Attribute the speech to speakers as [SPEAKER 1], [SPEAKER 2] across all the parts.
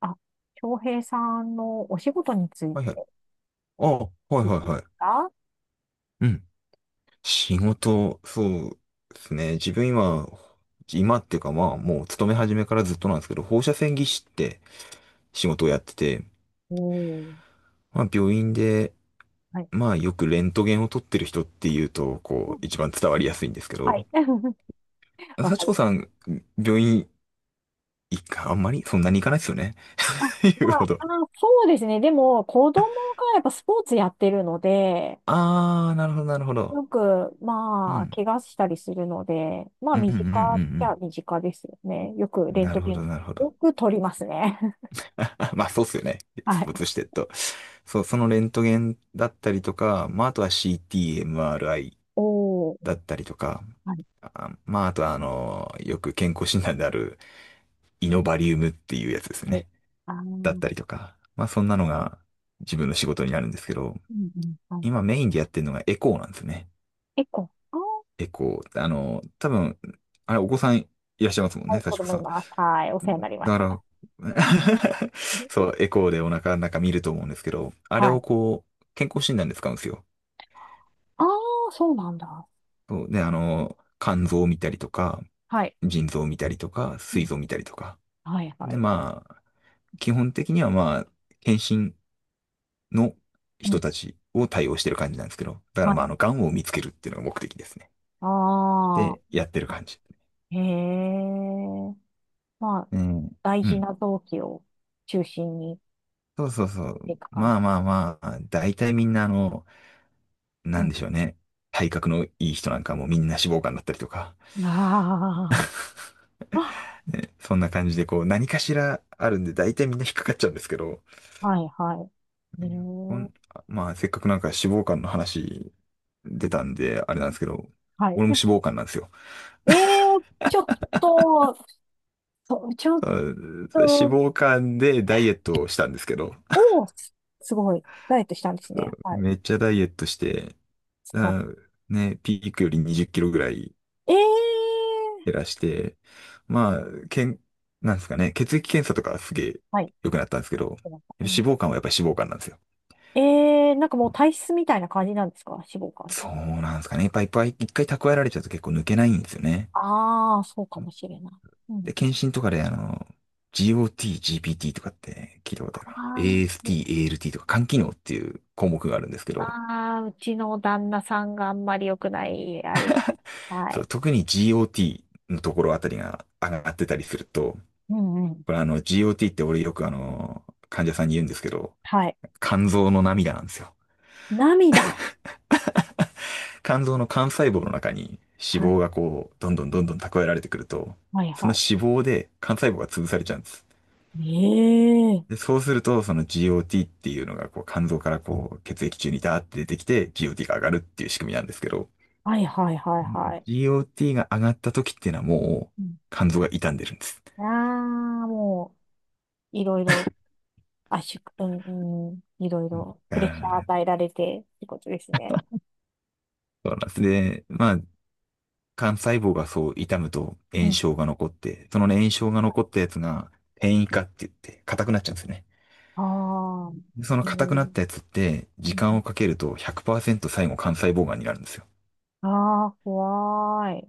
[SPEAKER 1] あ、京平さんのお仕事につい
[SPEAKER 2] はいはい。
[SPEAKER 1] て
[SPEAKER 2] あ、はいはい
[SPEAKER 1] 聞いていいで
[SPEAKER 2] はい。
[SPEAKER 1] すか？
[SPEAKER 2] うん。仕事、そうですね。自分今、今っていうかまあ、もう勤め始めからずっとなんですけど、放射線技師って仕事をやってて、
[SPEAKER 1] おん。
[SPEAKER 2] まあ病院で、
[SPEAKER 1] はい。
[SPEAKER 2] まあよくレントゲンを撮ってる人っていうと、
[SPEAKER 1] う
[SPEAKER 2] こ
[SPEAKER 1] ん
[SPEAKER 2] う、一番伝わりやすいんですけ
[SPEAKER 1] は
[SPEAKER 2] ど、
[SPEAKER 1] い。わ
[SPEAKER 2] 幸
[SPEAKER 1] かり
[SPEAKER 2] 子
[SPEAKER 1] ます。
[SPEAKER 2] さん、病院行か、あんまりそんなに行かないですよね。
[SPEAKER 1] あ、ま
[SPEAKER 2] 言うほ
[SPEAKER 1] あ、
[SPEAKER 2] ど。
[SPEAKER 1] あの、そうですね。でも、子供がやっぱスポーツやってるので、
[SPEAKER 2] あー、なるほどなるほど。
[SPEAKER 1] よく、
[SPEAKER 2] う
[SPEAKER 1] まあ、
[SPEAKER 2] ん。
[SPEAKER 1] 怪我したりするので、まあ、
[SPEAKER 2] うんうんう
[SPEAKER 1] 身
[SPEAKER 2] んう
[SPEAKER 1] 近っちゃ
[SPEAKER 2] ん
[SPEAKER 1] 身近ですよね。よく
[SPEAKER 2] うん。
[SPEAKER 1] レン
[SPEAKER 2] な
[SPEAKER 1] ト
[SPEAKER 2] るほ
[SPEAKER 1] ゲ
[SPEAKER 2] ど
[SPEAKER 1] ン、
[SPEAKER 2] なるほど。
[SPEAKER 1] よく取りますね。
[SPEAKER 2] まあそうっすよね。ス
[SPEAKER 1] は
[SPEAKER 2] ポー
[SPEAKER 1] い。
[SPEAKER 2] ツしてると。そう、そのレントゲンだったりとか、まああとは CT、MRI
[SPEAKER 1] おー。
[SPEAKER 2] だったりとか、
[SPEAKER 1] はい。
[SPEAKER 2] あ、まああとはよく健康診断であるイノバリウムっていうやつです
[SPEAKER 1] はい。
[SPEAKER 2] ね。
[SPEAKER 1] あー、
[SPEAKER 2] だっ
[SPEAKER 1] う
[SPEAKER 2] たり
[SPEAKER 1] ん
[SPEAKER 2] とか。まあそんなのが自分の仕事になるんですけど、
[SPEAKER 1] うん。は
[SPEAKER 2] 今
[SPEAKER 1] い。
[SPEAKER 2] メインでやってるのがエコーなんですね。
[SPEAKER 1] 結構、
[SPEAKER 2] エコー。多分、あれお子さんいらっしゃいますもん
[SPEAKER 1] は
[SPEAKER 2] ね、
[SPEAKER 1] い、子
[SPEAKER 2] 幸子
[SPEAKER 1] 供
[SPEAKER 2] さ
[SPEAKER 1] い
[SPEAKER 2] ん。
[SPEAKER 1] ます。はい。お世話になりまし
[SPEAKER 2] だか
[SPEAKER 1] た。
[SPEAKER 2] ら そう、エコーでお腹の中見ると思うんですけど、あれ
[SPEAKER 1] は
[SPEAKER 2] を
[SPEAKER 1] い。
[SPEAKER 2] こう、健康診断で使うんですよ。
[SPEAKER 1] ああ、そうなんだ。
[SPEAKER 2] そうで、肝臓を見たりとか、
[SPEAKER 1] はい。
[SPEAKER 2] 腎臓を見たりとか、
[SPEAKER 1] う
[SPEAKER 2] 膵
[SPEAKER 1] ん。
[SPEAKER 2] 臓を見たりとか。
[SPEAKER 1] はい、は
[SPEAKER 2] で、
[SPEAKER 1] い。
[SPEAKER 2] まあ、基本的にはまあ、検診の
[SPEAKER 1] う
[SPEAKER 2] 人
[SPEAKER 1] ん。
[SPEAKER 2] たちを対応してる感じなんですけど、だか
[SPEAKER 1] は
[SPEAKER 2] らまあ、
[SPEAKER 1] い。
[SPEAKER 2] 癌を見つけるっていうのが目的ですね。
[SPEAKER 1] あ
[SPEAKER 2] で、
[SPEAKER 1] あ、
[SPEAKER 2] やってる感じ。
[SPEAKER 1] へえ。まあ、
[SPEAKER 2] うん。
[SPEAKER 1] 大
[SPEAKER 2] う
[SPEAKER 1] 事
[SPEAKER 2] ん。
[SPEAKER 1] な臓器を中心に
[SPEAKER 2] そうそうそ
[SPEAKER 1] 見
[SPEAKER 2] う。
[SPEAKER 1] ていく感
[SPEAKER 2] ま
[SPEAKER 1] じ。
[SPEAKER 2] あまあまあ、大体みんななん
[SPEAKER 1] う
[SPEAKER 2] でしょうね。体格のいい人なんかもうみんな脂肪肝だったりとか、
[SPEAKER 1] ん。ああ、あ
[SPEAKER 2] ね、そんな感じでこう何かしらあるんで大体みんな引っかかっちゃうんですけど、
[SPEAKER 1] はい、はい。へ
[SPEAKER 2] ねこ
[SPEAKER 1] え。
[SPEAKER 2] ん、まあせっかくなんか脂肪肝の話出たんであれなんですけど、
[SPEAKER 1] はい。
[SPEAKER 2] 俺も脂 肪肝なんですよ。
[SPEAKER 1] ええ、ちょっと、そうちょっ
[SPEAKER 2] あ脂
[SPEAKER 1] と、
[SPEAKER 2] 肪肝でダイエットをしたんですけど、
[SPEAKER 1] おお、すごい。ダイエットしたんですね。はい。
[SPEAKER 2] めっちゃダイエットして、
[SPEAKER 1] 素晴ら
[SPEAKER 2] あ
[SPEAKER 1] し
[SPEAKER 2] ね、ピークより20キロぐらい
[SPEAKER 1] い。ええ、
[SPEAKER 2] 減らして、まあ、けん、なんですかね、血液検査とかすげえ
[SPEAKER 1] はい。
[SPEAKER 2] 良くなったんですけど、
[SPEAKER 1] う
[SPEAKER 2] 脂
[SPEAKER 1] ん
[SPEAKER 2] 肪肝はやっぱり脂肪肝なんですよ。
[SPEAKER 1] ええ、なんかもう体質みたいな感じなんですか脂肪肝って。
[SPEAKER 2] そうなんですかね。やっぱいっぱい一回蓄えられちゃうと結構抜けないんですよね。
[SPEAKER 1] ああ、そうかもしれない。う
[SPEAKER 2] で、
[SPEAKER 1] ん。
[SPEAKER 2] 検診とかでGOT、GPT とかって聞いたこ
[SPEAKER 1] あ
[SPEAKER 2] とあるかな。
[SPEAKER 1] ーう
[SPEAKER 2] AST、ALT とか肝機能っていう項目があるんですけど、
[SPEAKER 1] あうちの旦那さんがあんまり良くない、あれ。は
[SPEAKER 2] そう、
[SPEAKER 1] い。
[SPEAKER 2] 特に GOT のところあたりが上がってたりすると、
[SPEAKER 1] うんうん。
[SPEAKER 2] これGOT って俺よく患者さんに言うんですけど、
[SPEAKER 1] はい。
[SPEAKER 2] 肝臓の涙なんですよ。
[SPEAKER 1] 涙。
[SPEAKER 2] 肝臓の幹細胞の中に脂
[SPEAKER 1] は
[SPEAKER 2] 肪
[SPEAKER 1] い。
[SPEAKER 2] がこう、どんどんどんどん蓄えられてくると、
[SPEAKER 1] はい
[SPEAKER 2] その
[SPEAKER 1] は
[SPEAKER 2] 脂肪で幹細胞が潰されちゃうんです。
[SPEAKER 1] い。
[SPEAKER 2] で、
[SPEAKER 1] ええ
[SPEAKER 2] そうすると、その GOT っていうのが、こう、肝臓からこう、血液中にダーって出てきて、GOT が上がるっていう仕組みなんですけど、
[SPEAKER 1] はいはいはい
[SPEAKER 2] うん
[SPEAKER 1] はい。
[SPEAKER 2] GOT が上がった時っていうのはも
[SPEAKER 1] うん
[SPEAKER 2] う、肝臓が傷んでるんです。
[SPEAKER 1] ああ、もう、いろいろ、圧縮、うん、うん、いろい
[SPEAKER 2] うん、
[SPEAKER 1] ろ、プレッシャー
[SPEAKER 2] あ
[SPEAKER 1] 与
[SPEAKER 2] ー、
[SPEAKER 1] えられて、ってことですね。
[SPEAKER 2] そうなんですね。まあ、幹細胞がそう傷むと
[SPEAKER 1] う
[SPEAKER 2] 炎
[SPEAKER 1] ん
[SPEAKER 2] 症が残って、そのね炎症が残ったやつが、転移化って言って、硬くなっちゃうんですよね。
[SPEAKER 1] ああ、
[SPEAKER 2] その
[SPEAKER 1] えー、
[SPEAKER 2] 硬く
[SPEAKER 1] う
[SPEAKER 2] なっ
[SPEAKER 1] ん
[SPEAKER 2] たやつって、
[SPEAKER 1] う
[SPEAKER 2] 時間を
[SPEAKER 1] ん
[SPEAKER 2] かけると100%最後肝細胞がんになるんですよ。
[SPEAKER 1] ああ、怖い。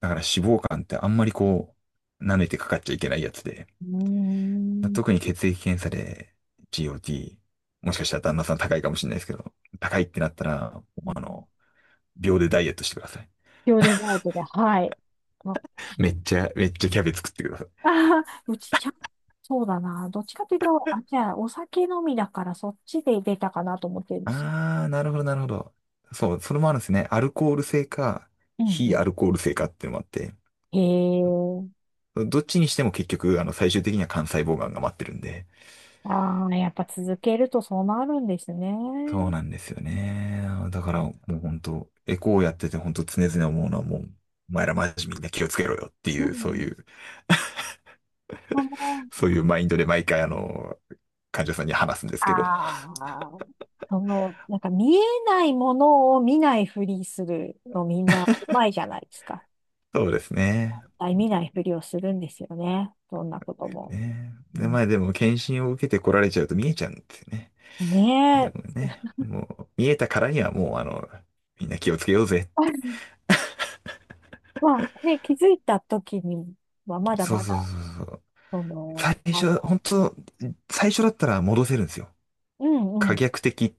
[SPEAKER 2] だから脂肪肝ってあんまりこう、舐めてかかっちゃいけないやつで、
[SPEAKER 1] うーん。
[SPEAKER 2] 特に血液検査で GOT、もしかしたら旦那さん高いかもしれないですけど、高いってなったら、
[SPEAKER 1] う
[SPEAKER 2] あ
[SPEAKER 1] ん
[SPEAKER 2] の、秒でダイエットしてください。
[SPEAKER 1] 秒でダイエットで、はい。あ
[SPEAKER 2] めっちゃ、めっちゃキャベツ食ってください。
[SPEAKER 1] あー、うちちゃん、そうだな。どっちかというと、あ、じゃあ、お酒飲みだから、そっちで出たかなと思ってるんです。
[SPEAKER 2] あー、なるほど、なるほど。そう、それもあるんですね。アルコール性か、
[SPEAKER 1] うん
[SPEAKER 2] 非ア
[SPEAKER 1] う
[SPEAKER 2] ルコール性かっていうのもあって、
[SPEAKER 1] ん。へえ。
[SPEAKER 2] どっちにしても結局、最終的には肝細胞がんが待ってるんで、
[SPEAKER 1] ああ、やっぱ続けるとそうなるんですね。
[SPEAKER 2] そうなんですよね。だからもう本当、エコーやってて本当常々思うのはもう、お前らマジみんな気をつけろよって
[SPEAKER 1] う
[SPEAKER 2] いう、そう
[SPEAKER 1] ん。
[SPEAKER 2] いう、
[SPEAKER 1] その、
[SPEAKER 2] そういうマインドで毎回患者さんに話すんです
[SPEAKER 1] あ
[SPEAKER 2] けど。
[SPEAKER 1] あ、その、なんか見えないものを見ないふりするのみんなうまいじゃないですか。
[SPEAKER 2] そうですね。
[SPEAKER 1] 絶対見ないふりをするんですよね。どんなことも。
[SPEAKER 2] ね。
[SPEAKER 1] う
[SPEAKER 2] で、ま
[SPEAKER 1] ん
[SPEAKER 2] あでも検診を受けて来られちゃうと見えちゃうんですよね。
[SPEAKER 1] ね
[SPEAKER 2] でも
[SPEAKER 1] え。
[SPEAKER 2] ね、もう見えたからにはもうみんな気をつけようぜって。
[SPEAKER 1] まあね、気づいた時にはまだ
[SPEAKER 2] そう
[SPEAKER 1] ま
[SPEAKER 2] そうそ
[SPEAKER 1] だ、
[SPEAKER 2] うそう。
[SPEAKER 1] そ
[SPEAKER 2] 最
[SPEAKER 1] の、あ
[SPEAKER 2] 初、
[SPEAKER 1] の、
[SPEAKER 2] 本当、最初だったら戻せるんですよ。
[SPEAKER 1] うんう
[SPEAKER 2] 可
[SPEAKER 1] ん、
[SPEAKER 2] 逆的っ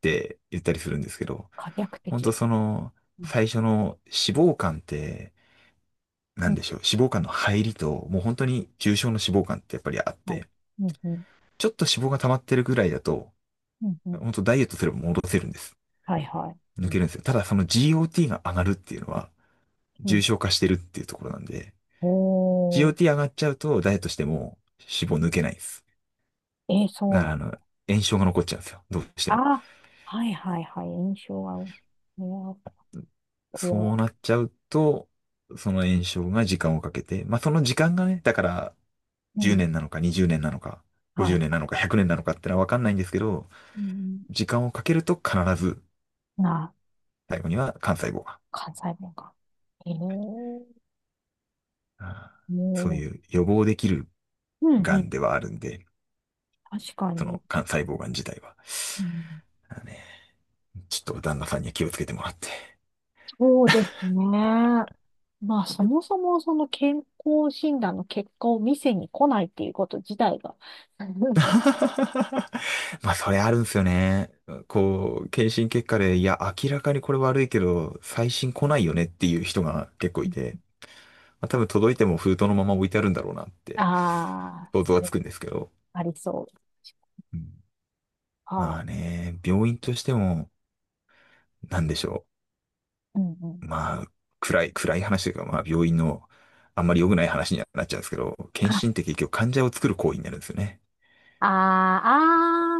[SPEAKER 2] て言ったりするんですけど、
[SPEAKER 1] 可逆
[SPEAKER 2] 本当
[SPEAKER 1] 的。
[SPEAKER 2] その、
[SPEAKER 1] うん、
[SPEAKER 2] 最初の脂肪肝って、な
[SPEAKER 1] う
[SPEAKER 2] ん
[SPEAKER 1] ん、
[SPEAKER 2] でしょう、脂肪肝の入りと、もう本当に重症の脂肪肝ってやっぱりあっ
[SPEAKER 1] はい。
[SPEAKER 2] て、
[SPEAKER 1] うん、うん、
[SPEAKER 2] ちょっと脂肪が溜まってるぐらいだと、
[SPEAKER 1] うん、うん。
[SPEAKER 2] 本当ダイエットすれば戻せるんです。
[SPEAKER 1] はい、はい。う
[SPEAKER 2] 抜
[SPEAKER 1] ん、
[SPEAKER 2] けるんですよ。ただその GOT が上がるっていうのは、
[SPEAKER 1] う
[SPEAKER 2] 重
[SPEAKER 1] ん。
[SPEAKER 2] 症化してるっていうところなんで、
[SPEAKER 1] おー、
[SPEAKER 2] GOT 上がっちゃうと、ダイエットしても脂肪抜けないです。
[SPEAKER 1] えー、そ
[SPEAKER 2] だ
[SPEAKER 1] う
[SPEAKER 2] か
[SPEAKER 1] な
[SPEAKER 2] ら
[SPEAKER 1] ん。
[SPEAKER 2] 炎症が残っちゃうんですよ。どうしても。
[SPEAKER 1] あ、はい、はい、はい。印象は、いやこれ
[SPEAKER 2] そう
[SPEAKER 1] は、
[SPEAKER 2] なっちゃうと、その炎症が時間をかけて、まあその時間がね、だから
[SPEAKER 1] う
[SPEAKER 2] 10
[SPEAKER 1] ん、
[SPEAKER 2] 年なのか20年なのか、
[SPEAKER 1] は
[SPEAKER 2] 50
[SPEAKER 1] い。
[SPEAKER 2] 年なのか100年なのかってのはわかんないんですけど、
[SPEAKER 1] うん、
[SPEAKER 2] 時間をかけると必ず
[SPEAKER 1] な、
[SPEAKER 2] 最後には幹細胞が、
[SPEAKER 1] 関西弁か。えー、も
[SPEAKER 2] あーそう
[SPEAKER 1] う、
[SPEAKER 2] いう予防できる
[SPEAKER 1] うん、
[SPEAKER 2] が
[SPEAKER 1] う
[SPEAKER 2] ん
[SPEAKER 1] ん、
[SPEAKER 2] ではあるんで、
[SPEAKER 1] 確か
[SPEAKER 2] そ
[SPEAKER 1] に。
[SPEAKER 2] の幹細胞がん自体は、
[SPEAKER 1] うん
[SPEAKER 2] だからね、ちょっと旦那さんには気をつけてもらって。
[SPEAKER 1] そうですね。まあ、そもそもその健康診断の結果を見せに来ないっていうこと自体が、
[SPEAKER 2] まあ、それあるんですよね。こう、検診結果で、いや、明らかにこれ悪いけど、最新来ないよねっていう人が結構いて、まあ、多分届いても封筒のまま置いてあるんだろうなって
[SPEAKER 1] ああ
[SPEAKER 2] 想像
[SPEAKER 1] そ
[SPEAKER 2] は
[SPEAKER 1] れ
[SPEAKER 2] つ
[SPEAKER 1] は
[SPEAKER 2] くんですけど。
[SPEAKER 1] ありそう。
[SPEAKER 2] うん。
[SPEAKER 1] あ
[SPEAKER 2] まあ
[SPEAKER 1] あ、
[SPEAKER 2] ね、病院としても、なんでしょ
[SPEAKER 1] うんうん。
[SPEAKER 2] う。まあ、暗い、暗い話というか、まあ、病院のあんまり良くない話にはなっちゃうんですけど、検
[SPEAKER 1] あ
[SPEAKER 2] 診って結局患者を作る行為になるんですよね。
[SPEAKER 1] あ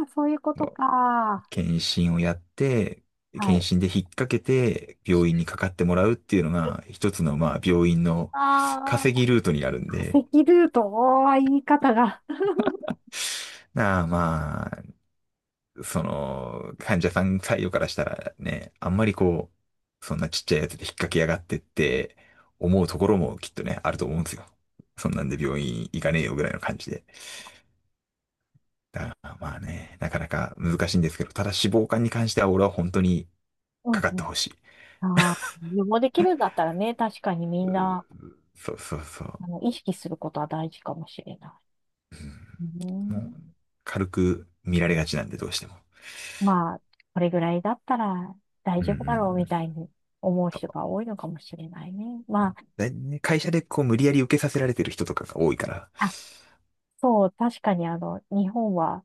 [SPEAKER 1] ー、あーそういうことか。
[SPEAKER 2] 検診をやって、
[SPEAKER 1] は
[SPEAKER 2] 検
[SPEAKER 1] い。
[SPEAKER 2] 診で引っ掛けて病院にかかってもらうっていうのが一つのまあ病院の
[SPEAKER 1] あ
[SPEAKER 2] 稼
[SPEAKER 1] あ、
[SPEAKER 2] ぎルートになるん
[SPEAKER 1] 化
[SPEAKER 2] で、
[SPEAKER 1] 石ルート、おー言い方が。
[SPEAKER 2] まあ、その患者さん採用からしたらね、あんまりこう、そんなちっちゃいやつで引っ掛けやがってって思うところもきっとね、あると思うんですよ。そんなんで病院行かねえよぐらいの感じで。だからまあね、なかなか難しいんですけど、ただ脂肪肝に関しては俺は本当に
[SPEAKER 1] う
[SPEAKER 2] か
[SPEAKER 1] ん
[SPEAKER 2] かっ
[SPEAKER 1] う
[SPEAKER 2] て
[SPEAKER 1] ん。
[SPEAKER 2] ほしい。
[SPEAKER 1] ああ、予防できるんだったらね、確かにみんな、
[SPEAKER 2] そうそうそう。
[SPEAKER 1] あの、意識することは大事かもしれない。う
[SPEAKER 2] うん、もう、
[SPEAKER 1] ん
[SPEAKER 2] 軽く見られがちなんで、どうしても。
[SPEAKER 1] まあ、これぐらいだったら大
[SPEAKER 2] うんう
[SPEAKER 1] 丈夫だろうみ
[SPEAKER 2] ん。
[SPEAKER 1] たいに思う
[SPEAKER 2] そ
[SPEAKER 1] 人
[SPEAKER 2] う
[SPEAKER 1] が多いのかもしれないね。ま
[SPEAKER 2] でね会社でこう無理やり受けさせられてる人とかが多いから、
[SPEAKER 1] あ、あ、そう、確かにあの、日本は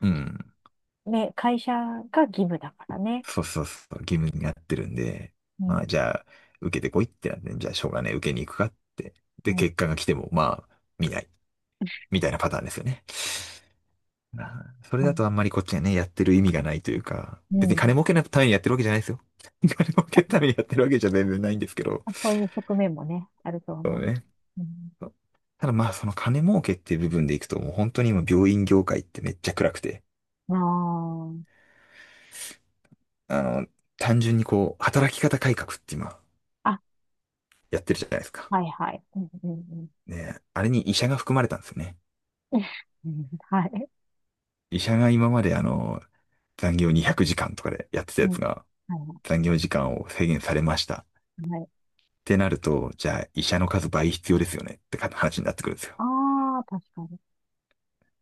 [SPEAKER 2] うん。
[SPEAKER 1] ね、会社が義務だからね。
[SPEAKER 2] そうそうそう、義務になってるんで、
[SPEAKER 1] う
[SPEAKER 2] ま
[SPEAKER 1] ん、
[SPEAKER 2] あじゃあ、受けてこいってなって、じゃあしょうがねえ、受けに行くかって。
[SPEAKER 1] う
[SPEAKER 2] で、
[SPEAKER 1] ん、
[SPEAKER 2] 結果が来ても、まあ、見ない。みたいなパターンですよね。それ
[SPEAKER 1] う
[SPEAKER 2] だと
[SPEAKER 1] ん。
[SPEAKER 2] あんまりこっちがね、やってる意味がないというか、
[SPEAKER 1] う
[SPEAKER 2] 別に
[SPEAKER 1] ん
[SPEAKER 2] 金儲けのためにやってるわけじゃないですよ。金儲けのためにやってるわけじゃ全然ないんですけど、
[SPEAKER 1] あそういう側面もね、あると
[SPEAKER 2] そう
[SPEAKER 1] 思う。
[SPEAKER 2] ね。
[SPEAKER 1] うん、
[SPEAKER 2] ただまあその金儲けっていう部分でいくともう本当に今病院業界ってめっちゃ暗くて、
[SPEAKER 1] あー
[SPEAKER 2] あの、単純にこう働き方改革って今
[SPEAKER 1] あ、
[SPEAKER 2] やってるじゃないですか。
[SPEAKER 1] はいはい。うん、うん、うん。
[SPEAKER 2] ね、あれに医者が含まれたんですよね。
[SPEAKER 1] うんはい。
[SPEAKER 2] 医者が今まで残業200時間とかでやってた
[SPEAKER 1] う
[SPEAKER 2] やつ
[SPEAKER 1] ん、
[SPEAKER 2] が
[SPEAKER 1] はい、
[SPEAKER 2] 残業時間を制限されましたっ
[SPEAKER 1] はい。
[SPEAKER 2] てなると、じゃあ医者の数倍必要ですよねってか話になってくるんですよ。っ
[SPEAKER 1] ああ、確かに。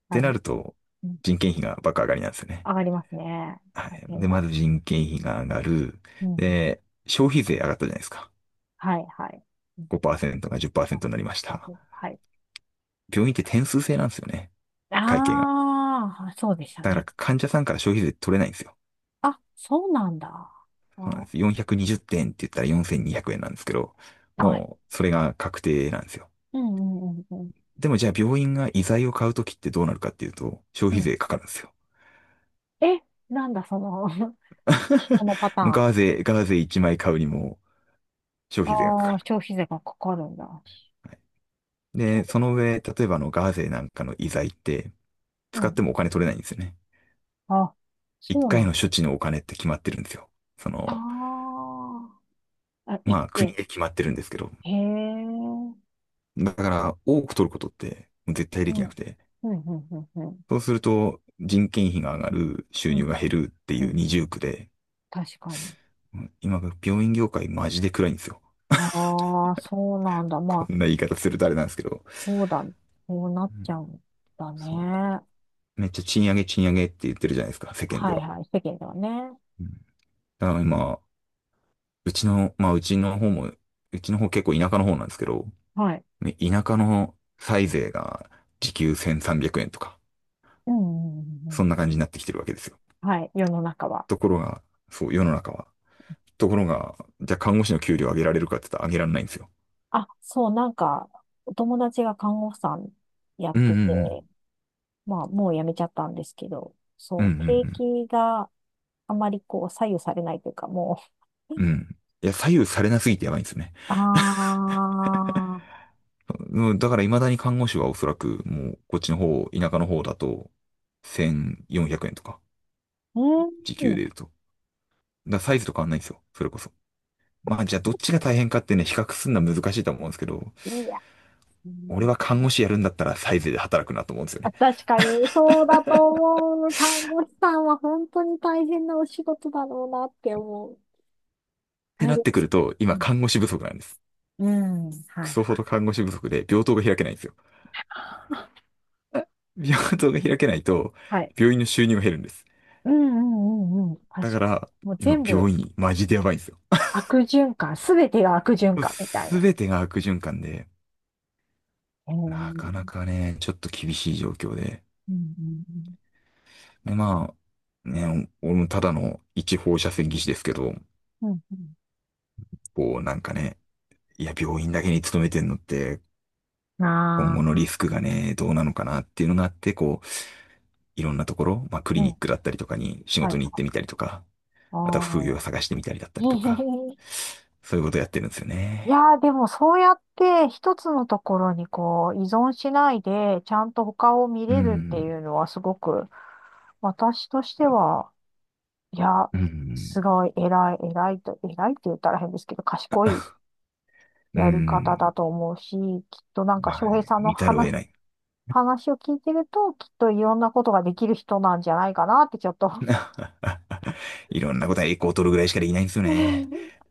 [SPEAKER 1] 大
[SPEAKER 2] てな
[SPEAKER 1] 変。
[SPEAKER 2] ると、
[SPEAKER 1] うん、
[SPEAKER 2] 人件費が爆上がりなんですよね。
[SPEAKER 1] 上がりますね。
[SPEAKER 2] は
[SPEAKER 1] 大
[SPEAKER 2] い。
[SPEAKER 1] 変
[SPEAKER 2] で、
[SPEAKER 1] だ。
[SPEAKER 2] まず人件費が上がる。
[SPEAKER 1] うん、
[SPEAKER 2] で、消費税上がったじゃないですか。
[SPEAKER 1] はい、はい。
[SPEAKER 2] 5%が
[SPEAKER 1] あ
[SPEAKER 2] 10%になりまし
[SPEAKER 1] あ
[SPEAKER 2] た。
[SPEAKER 1] はい。
[SPEAKER 2] 病院って点数制なんですよね。会計が。
[SPEAKER 1] ああ、そうでした
[SPEAKER 2] だから
[SPEAKER 1] ね。
[SPEAKER 2] 患者さんから消費税取れないんですよ。
[SPEAKER 1] あ、そうなんだ。
[SPEAKER 2] そうなんで
[SPEAKER 1] あ、
[SPEAKER 2] す。420点ってんって言ったら4200円なんですけど、
[SPEAKER 1] はい。
[SPEAKER 2] もうそれが確定なんですよ。
[SPEAKER 1] うんうんうんうん。
[SPEAKER 2] でもじゃあ病院が医材を買うときってどうなるかっていうと、消
[SPEAKER 1] う
[SPEAKER 2] 費
[SPEAKER 1] ん
[SPEAKER 2] 税かかるんですよ。
[SPEAKER 1] え、なんだその このパタ ーン。
[SPEAKER 2] ガーゼ1枚買うにも消
[SPEAKER 1] あ
[SPEAKER 2] 費税がかか
[SPEAKER 1] あ、
[SPEAKER 2] る。
[SPEAKER 1] 消費税がかかるんだ。
[SPEAKER 2] はい。で、その上、例えばガーゼなんかの医材って
[SPEAKER 1] う
[SPEAKER 2] 使っ
[SPEAKER 1] ん。
[SPEAKER 2] てもお金取れないんですよね。
[SPEAKER 1] あ、
[SPEAKER 2] 1
[SPEAKER 1] そうな
[SPEAKER 2] 回の
[SPEAKER 1] の。
[SPEAKER 2] 処置のお金って決まってるんですよ。そ
[SPEAKER 1] あ
[SPEAKER 2] の、
[SPEAKER 1] あ、あ、一
[SPEAKER 2] まあ国
[SPEAKER 1] 遍。
[SPEAKER 2] で決まってるんですけど、
[SPEAKER 1] へえ。うん。
[SPEAKER 2] だから多く取ることって絶対
[SPEAKER 1] う
[SPEAKER 2] でき
[SPEAKER 1] ん、
[SPEAKER 2] なくて、
[SPEAKER 1] うん、うん、うん。
[SPEAKER 2] そうすると人件費が上がる、
[SPEAKER 1] う
[SPEAKER 2] 収入
[SPEAKER 1] ん、
[SPEAKER 2] が減るって
[SPEAKER 1] う
[SPEAKER 2] いう
[SPEAKER 1] ん
[SPEAKER 2] 二重苦で、
[SPEAKER 1] 確かに。
[SPEAKER 2] 今病院業界マジで暗いんですよ。
[SPEAKER 1] ああ、そうなんだ。
[SPEAKER 2] こ
[SPEAKER 1] まあ、
[SPEAKER 2] んな言い方するとあれなんですけど、
[SPEAKER 1] そうだ。そうなっ
[SPEAKER 2] う
[SPEAKER 1] ち
[SPEAKER 2] ん、
[SPEAKER 1] ゃうんだ
[SPEAKER 2] そう、
[SPEAKER 1] ね。
[SPEAKER 2] めっちゃ賃上げ賃上げって言ってるじゃないですか、世間で
[SPEAKER 1] はい
[SPEAKER 2] は。
[SPEAKER 1] はい、世間ではね。
[SPEAKER 2] うん、だから今、うちの、まあうちの方も、うちの方結構田舎の方なんですけど、
[SPEAKER 1] はい。
[SPEAKER 2] ね、田舎の歳税が時給1300円とか、
[SPEAKER 1] うんうんうんう
[SPEAKER 2] そ
[SPEAKER 1] ん
[SPEAKER 2] んな感じになってきてるわけですよ。
[SPEAKER 1] はい、世の中は。
[SPEAKER 2] ところが、そう、世の中は。ところが、じゃあ看護師の給料上げられるかって言ったら上げられないんですよ。
[SPEAKER 1] あ、そう、なんか、お友達が看護婦さんやっ
[SPEAKER 2] うんう
[SPEAKER 1] てて、
[SPEAKER 2] ん
[SPEAKER 1] まあ、もう辞めちゃったんですけど、
[SPEAKER 2] うんうん
[SPEAKER 1] そう、景
[SPEAKER 2] うん
[SPEAKER 1] 気があまりこう、左右されないというか、も
[SPEAKER 2] うん。うん。いや、左右されなすぎてやばいんですよね。
[SPEAKER 1] う、ああ
[SPEAKER 2] うん、だから未だに看護師はおそらくもうこっちの方、田舎の方だと1400円とか、
[SPEAKER 1] うん、
[SPEAKER 2] 時給で言うと。だからサイズと変わんないんですよ。それこそ。まあじゃあどっちが大変かってね、比較するのは難しいと思うんですけど、
[SPEAKER 1] いいやつ
[SPEAKER 2] 俺
[SPEAKER 1] ね。
[SPEAKER 2] は看護師やるんだったらサイズで働くなと思うんですよね。
[SPEAKER 1] あ
[SPEAKER 2] っ
[SPEAKER 1] 確かに、そうだと思う。看護師さんは本当に大変なお仕事だろうなって思う。
[SPEAKER 2] て
[SPEAKER 1] はい
[SPEAKER 2] なっ
[SPEAKER 1] で
[SPEAKER 2] てく
[SPEAKER 1] す。
[SPEAKER 2] ると、今看護師不足なんです。
[SPEAKER 1] うん。うんは
[SPEAKER 2] ク
[SPEAKER 1] い
[SPEAKER 2] ソ
[SPEAKER 1] は
[SPEAKER 2] ほ
[SPEAKER 1] い。
[SPEAKER 2] ど看護師不足で病棟が開けないんですよ。病棟が開けないと、
[SPEAKER 1] はい。
[SPEAKER 2] 病院の収入が減るんです。
[SPEAKER 1] うんうんうんうん。
[SPEAKER 2] だか
[SPEAKER 1] 確かに。
[SPEAKER 2] ら、
[SPEAKER 1] もう
[SPEAKER 2] 今、
[SPEAKER 1] 全部
[SPEAKER 2] 病院、マジでやばいんですよ。
[SPEAKER 1] 悪循環、すべてが悪循環みたい
[SPEAKER 2] す
[SPEAKER 1] な。
[SPEAKER 2] べてが悪循環で、
[SPEAKER 1] えー、
[SPEAKER 2] な
[SPEAKER 1] う
[SPEAKER 2] かな
[SPEAKER 1] ん
[SPEAKER 2] かね、ちょっと厳しい状況で。
[SPEAKER 1] うん
[SPEAKER 2] で、まあ、ね、俺もただの一放射線技師ですけど、
[SPEAKER 1] うん。うん
[SPEAKER 2] こう、なんかね、いや、病院だけに勤めてんのって、
[SPEAKER 1] うん。
[SPEAKER 2] 今
[SPEAKER 1] あ
[SPEAKER 2] 後のリ
[SPEAKER 1] あ。
[SPEAKER 2] スク
[SPEAKER 1] う
[SPEAKER 2] が
[SPEAKER 1] ん
[SPEAKER 2] ね、どうなのかなっていうのがあって、こう、いろんなところ、まあ、クリ
[SPEAKER 1] う
[SPEAKER 2] ニ
[SPEAKER 1] ん。
[SPEAKER 2] ックだったりとかに仕
[SPEAKER 1] は
[SPEAKER 2] 事
[SPEAKER 1] い。
[SPEAKER 2] に行ってみたりとか、あとは副業
[SPEAKER 1] あ
[SPEAKER 2] を探してみたりだっ
[SPEAKER 1] あ。
[SPEAKER 2] たりとか、そういうことやってるんですよ
[SPEAKER 1] いや
[SPEAKER 2] ね。
[SPEAKER 1] ー、でもそうやって一つのところにこう依存しないで、ちゃんと他を見
[SPEAKER 2] う
[SPEAKER 1] れるってい
[SPEAKER 2] ん。
[SPEAKER 1] うのはすごく、私としては、いや、
[SPEAKER 2] うん。
[SPEAKER 1] すごい偉い、偉いと、偉いって言ったら変ですけど、賢い
[SPEAKER 2] う
[SPEAKER 1] やり方
[SPEAKER 2] ん。
[SPEAKER 1] だと思うし、きっとなんか
[SPEAKER 2] ま
[SPEAKER 1] 翔
[SPEAKER 2] あ
[SPEAKER 1] 平
[SPEAKER 2] ね、
[SPEAKER 1] さんの
[SPEAKER 2] 見ざるを得
[SPEAKER 1] 話、
[SPEAKER 2] ない。
[SPEAKER 1] 話を聞いてると、きっといろんなことができる人なんじゃないかなってちょっと
[SPEAKER 2] いろんなことは栄光を取るぐらいしかできないんですよ ね。
[SPEAKER 1] い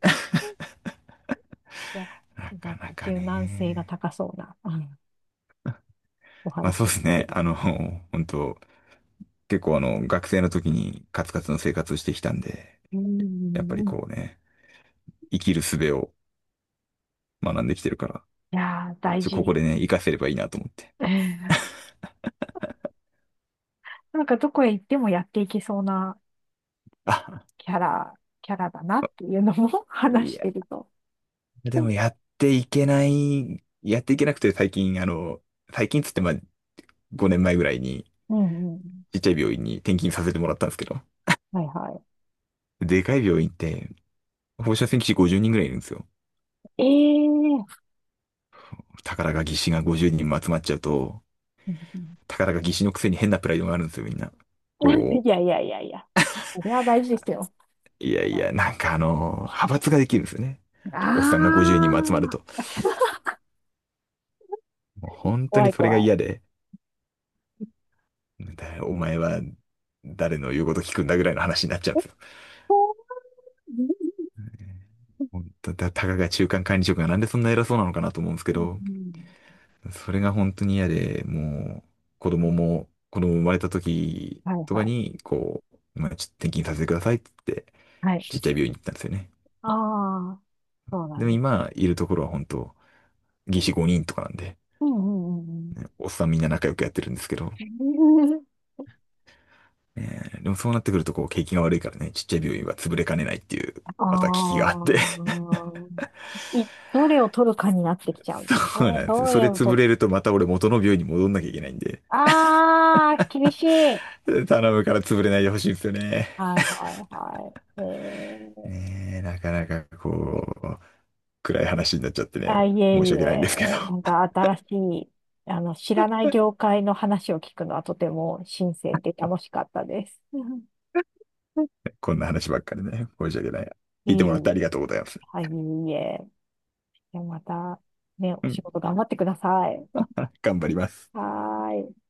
[SPEAKER 1] や、
[SPEAKER 2] な
[SPEAKER 1] なん
[SPEAKER 2] か
[SPEAKER 1] か
[SPEAKER 2] なか
[SPEAKER 1] 柔軟性が
[SPEAKER 2] ね。
[SPEAKER 1] 高そうな、あのお
[SPEAKER 2] まあそう
[SPEAKER 1] 話を
[SPEAKER 2] です
[SPEAKER 1] 聞いて
[SPEAKER 2] ね。
[SPEAKER 1] ると。
[SPEAKER 2] 本当結構学生の時にカツカツの生活をしてきたんで、
[SPEAKER 1] う
[SPEAKER 2] やっぱり
[SPEAKER 1] ん。い
[SPEAKER 2] こうね、生きる術を学んできてるから、
[SPEAKER 1] やー、大
[SPEAKER 2] ここ
[SPEAKER 1] 事。
[SPEAKER 2] でね、活かせればいいなと思って。
[SPEAKER 1] なんかどこへ行ってもやっていけそうな
[SPEAKER 2] あ、
[SPEAKER 1] キャラ、キャラだなっていうのも
[SPEAKER 2] い
[SPEAKER 1] 話し
[SPEAKER 2] や、
[SPEAKER 1] てると。
[SPEAKER 2] でもやっていけなくて最近、最近っつってまあ5年前ぐらいに、
[SPEAKER 1] うんうん。
[SPEAKER 2] ちっちゃい病院に転勤させてもらったんですけど、
[SPEAKER 1] はいは
[SPEAKER 2] でかい病院って放射線技師50人ぐらいいるんですよ。
[SPEAKER 1] い。ええー。
[SPEAKER 2] 宝が技師が50人も集まっちゃうと、
[SPEAKER 1] うんうん
[SPEAKER 2] 宝が技師のくせに変なプライドがあるんですよ、みんな。こ
[SPEAKER 1] いやいやいやいや。それは大事ですよ。
[SPEAKER 2] う、いやい
[SPEAKER 1] はい
[SPEAKER 2] や、なんか派閥ができるんですよね。
[SPEAKER 1] あ
[SPEAKER 2] おっさんが50人も集まると。
[SPEAKER 1] あ、
[SPEAKER 2] もう本当
[SPEAKER 1] 怖
[SPEAKER 2] に
[SPEAKER 1] い
[SPEAKER 2] それが
[SPEAKER 1] 怖い。
[SPEAKER 2] 嫌で、だお前は誰の言うこと聞くんだぐらいの話になっちゃうん
[SPEAKER 1] え、
[SPEAKER 2] ですよ。
[SPEAKER 1] こうう
[SPEAKER 2] 本当だ、たかが中間管理職がなんでそんな偉そうなのかなと思うんですけ
[SPEAKER 1] ん
[SPEAKER 2] ど、
[SPEAKER 1] うん
[SPEAKER 2] それが本当に嫌で、もう、子供生まれた時
[SPEAKER 1] う、はい
[SPEAKER 2] と
[SPEAKER 1] は
[SPEAKER 2] か
[SPEAKER 1] い。
[SPEAKER 2] に、こう、まあ、ちょっと転勤させてくださいって言って、
[SPEAKER 1] はい。
[SPEAKER 2] ちっちゃい病院に行ったんですよね。
[SPEAKER 1] ああ、そうな
[SPEAKER 2] で
[SPEAKER 1] ん
[SPEAKER 2] も
[SPEAKER 1] です。
[SPEAKER 2] 今、いるところは本当、技師5人とかなんで、
[SPEAKER 1] うんうんうん
[SPEAKER 2] おっさんみんな仲良くやってるんですけど、
[SPEAKER 1] うん。
[SPEAKER 2] えでもそうなってくると、こう、景気が悪いからね、ちっちゃい病院は潰れかねないっていう、
[SPEAKER 1] あ
[SPEAKER 2] また危機があって。
[SPEAKER 1] あ、い、どれを取るかになってき ちゃうんだね。
[SPEAKER 2] そうなんですよ。
[SPEAKER 1] ど
[SPEAKER 2] そ
[SPEAKER 1] れ
[SPEAKER 2] れ
[SPEAKER 1] を
[SPEAKER 2] 潰
[SPEAKER 1] 取
[SPEAKER 2] れ
[SPEAKER 1] っ、
[SPEAKER 2] るとまた俺元の病院に戻んなきゃいけないんで、
[SPEAKER 1] ああ、厳しい。
[SPEAKER 2] 頼むから潰れないでほしいんですよね。
[SPEAKER 1] はいはいはい。えー、
[SPEAKER 2] なかなかこう、暗い話になっちゃってね、
[SPEAKER 1] あ、いえい
[SPEAKER 2] 申し訳ないんですけど、
[SPEAKER 1] え、なんか新しい、あの、知らない業界の話を聞くのはとても新鮮で楽しかったです。
[SPEAKER 2] こんな話ばっかりね、申し訳ない。
[SPEAKER 1] いえ
[SPEAKER 2] 聞いてもらってあ
[SPEAKER 1] い
[SPEAKER 2] り
[SPEAKER 1] え。
[SPEAKER 2] がとうございます。
[SPEAKER 1] はい、いえいえ。じゃあまた、ね、お
[SPEAKER 2] う
[SPEAKER 1] 仕
[SPEAKER 2] ん、
[SPEAKER 1] 事頑張ってください。
[SPEAKER 2] 頑張ります。
[SPEAKER 1] はーい。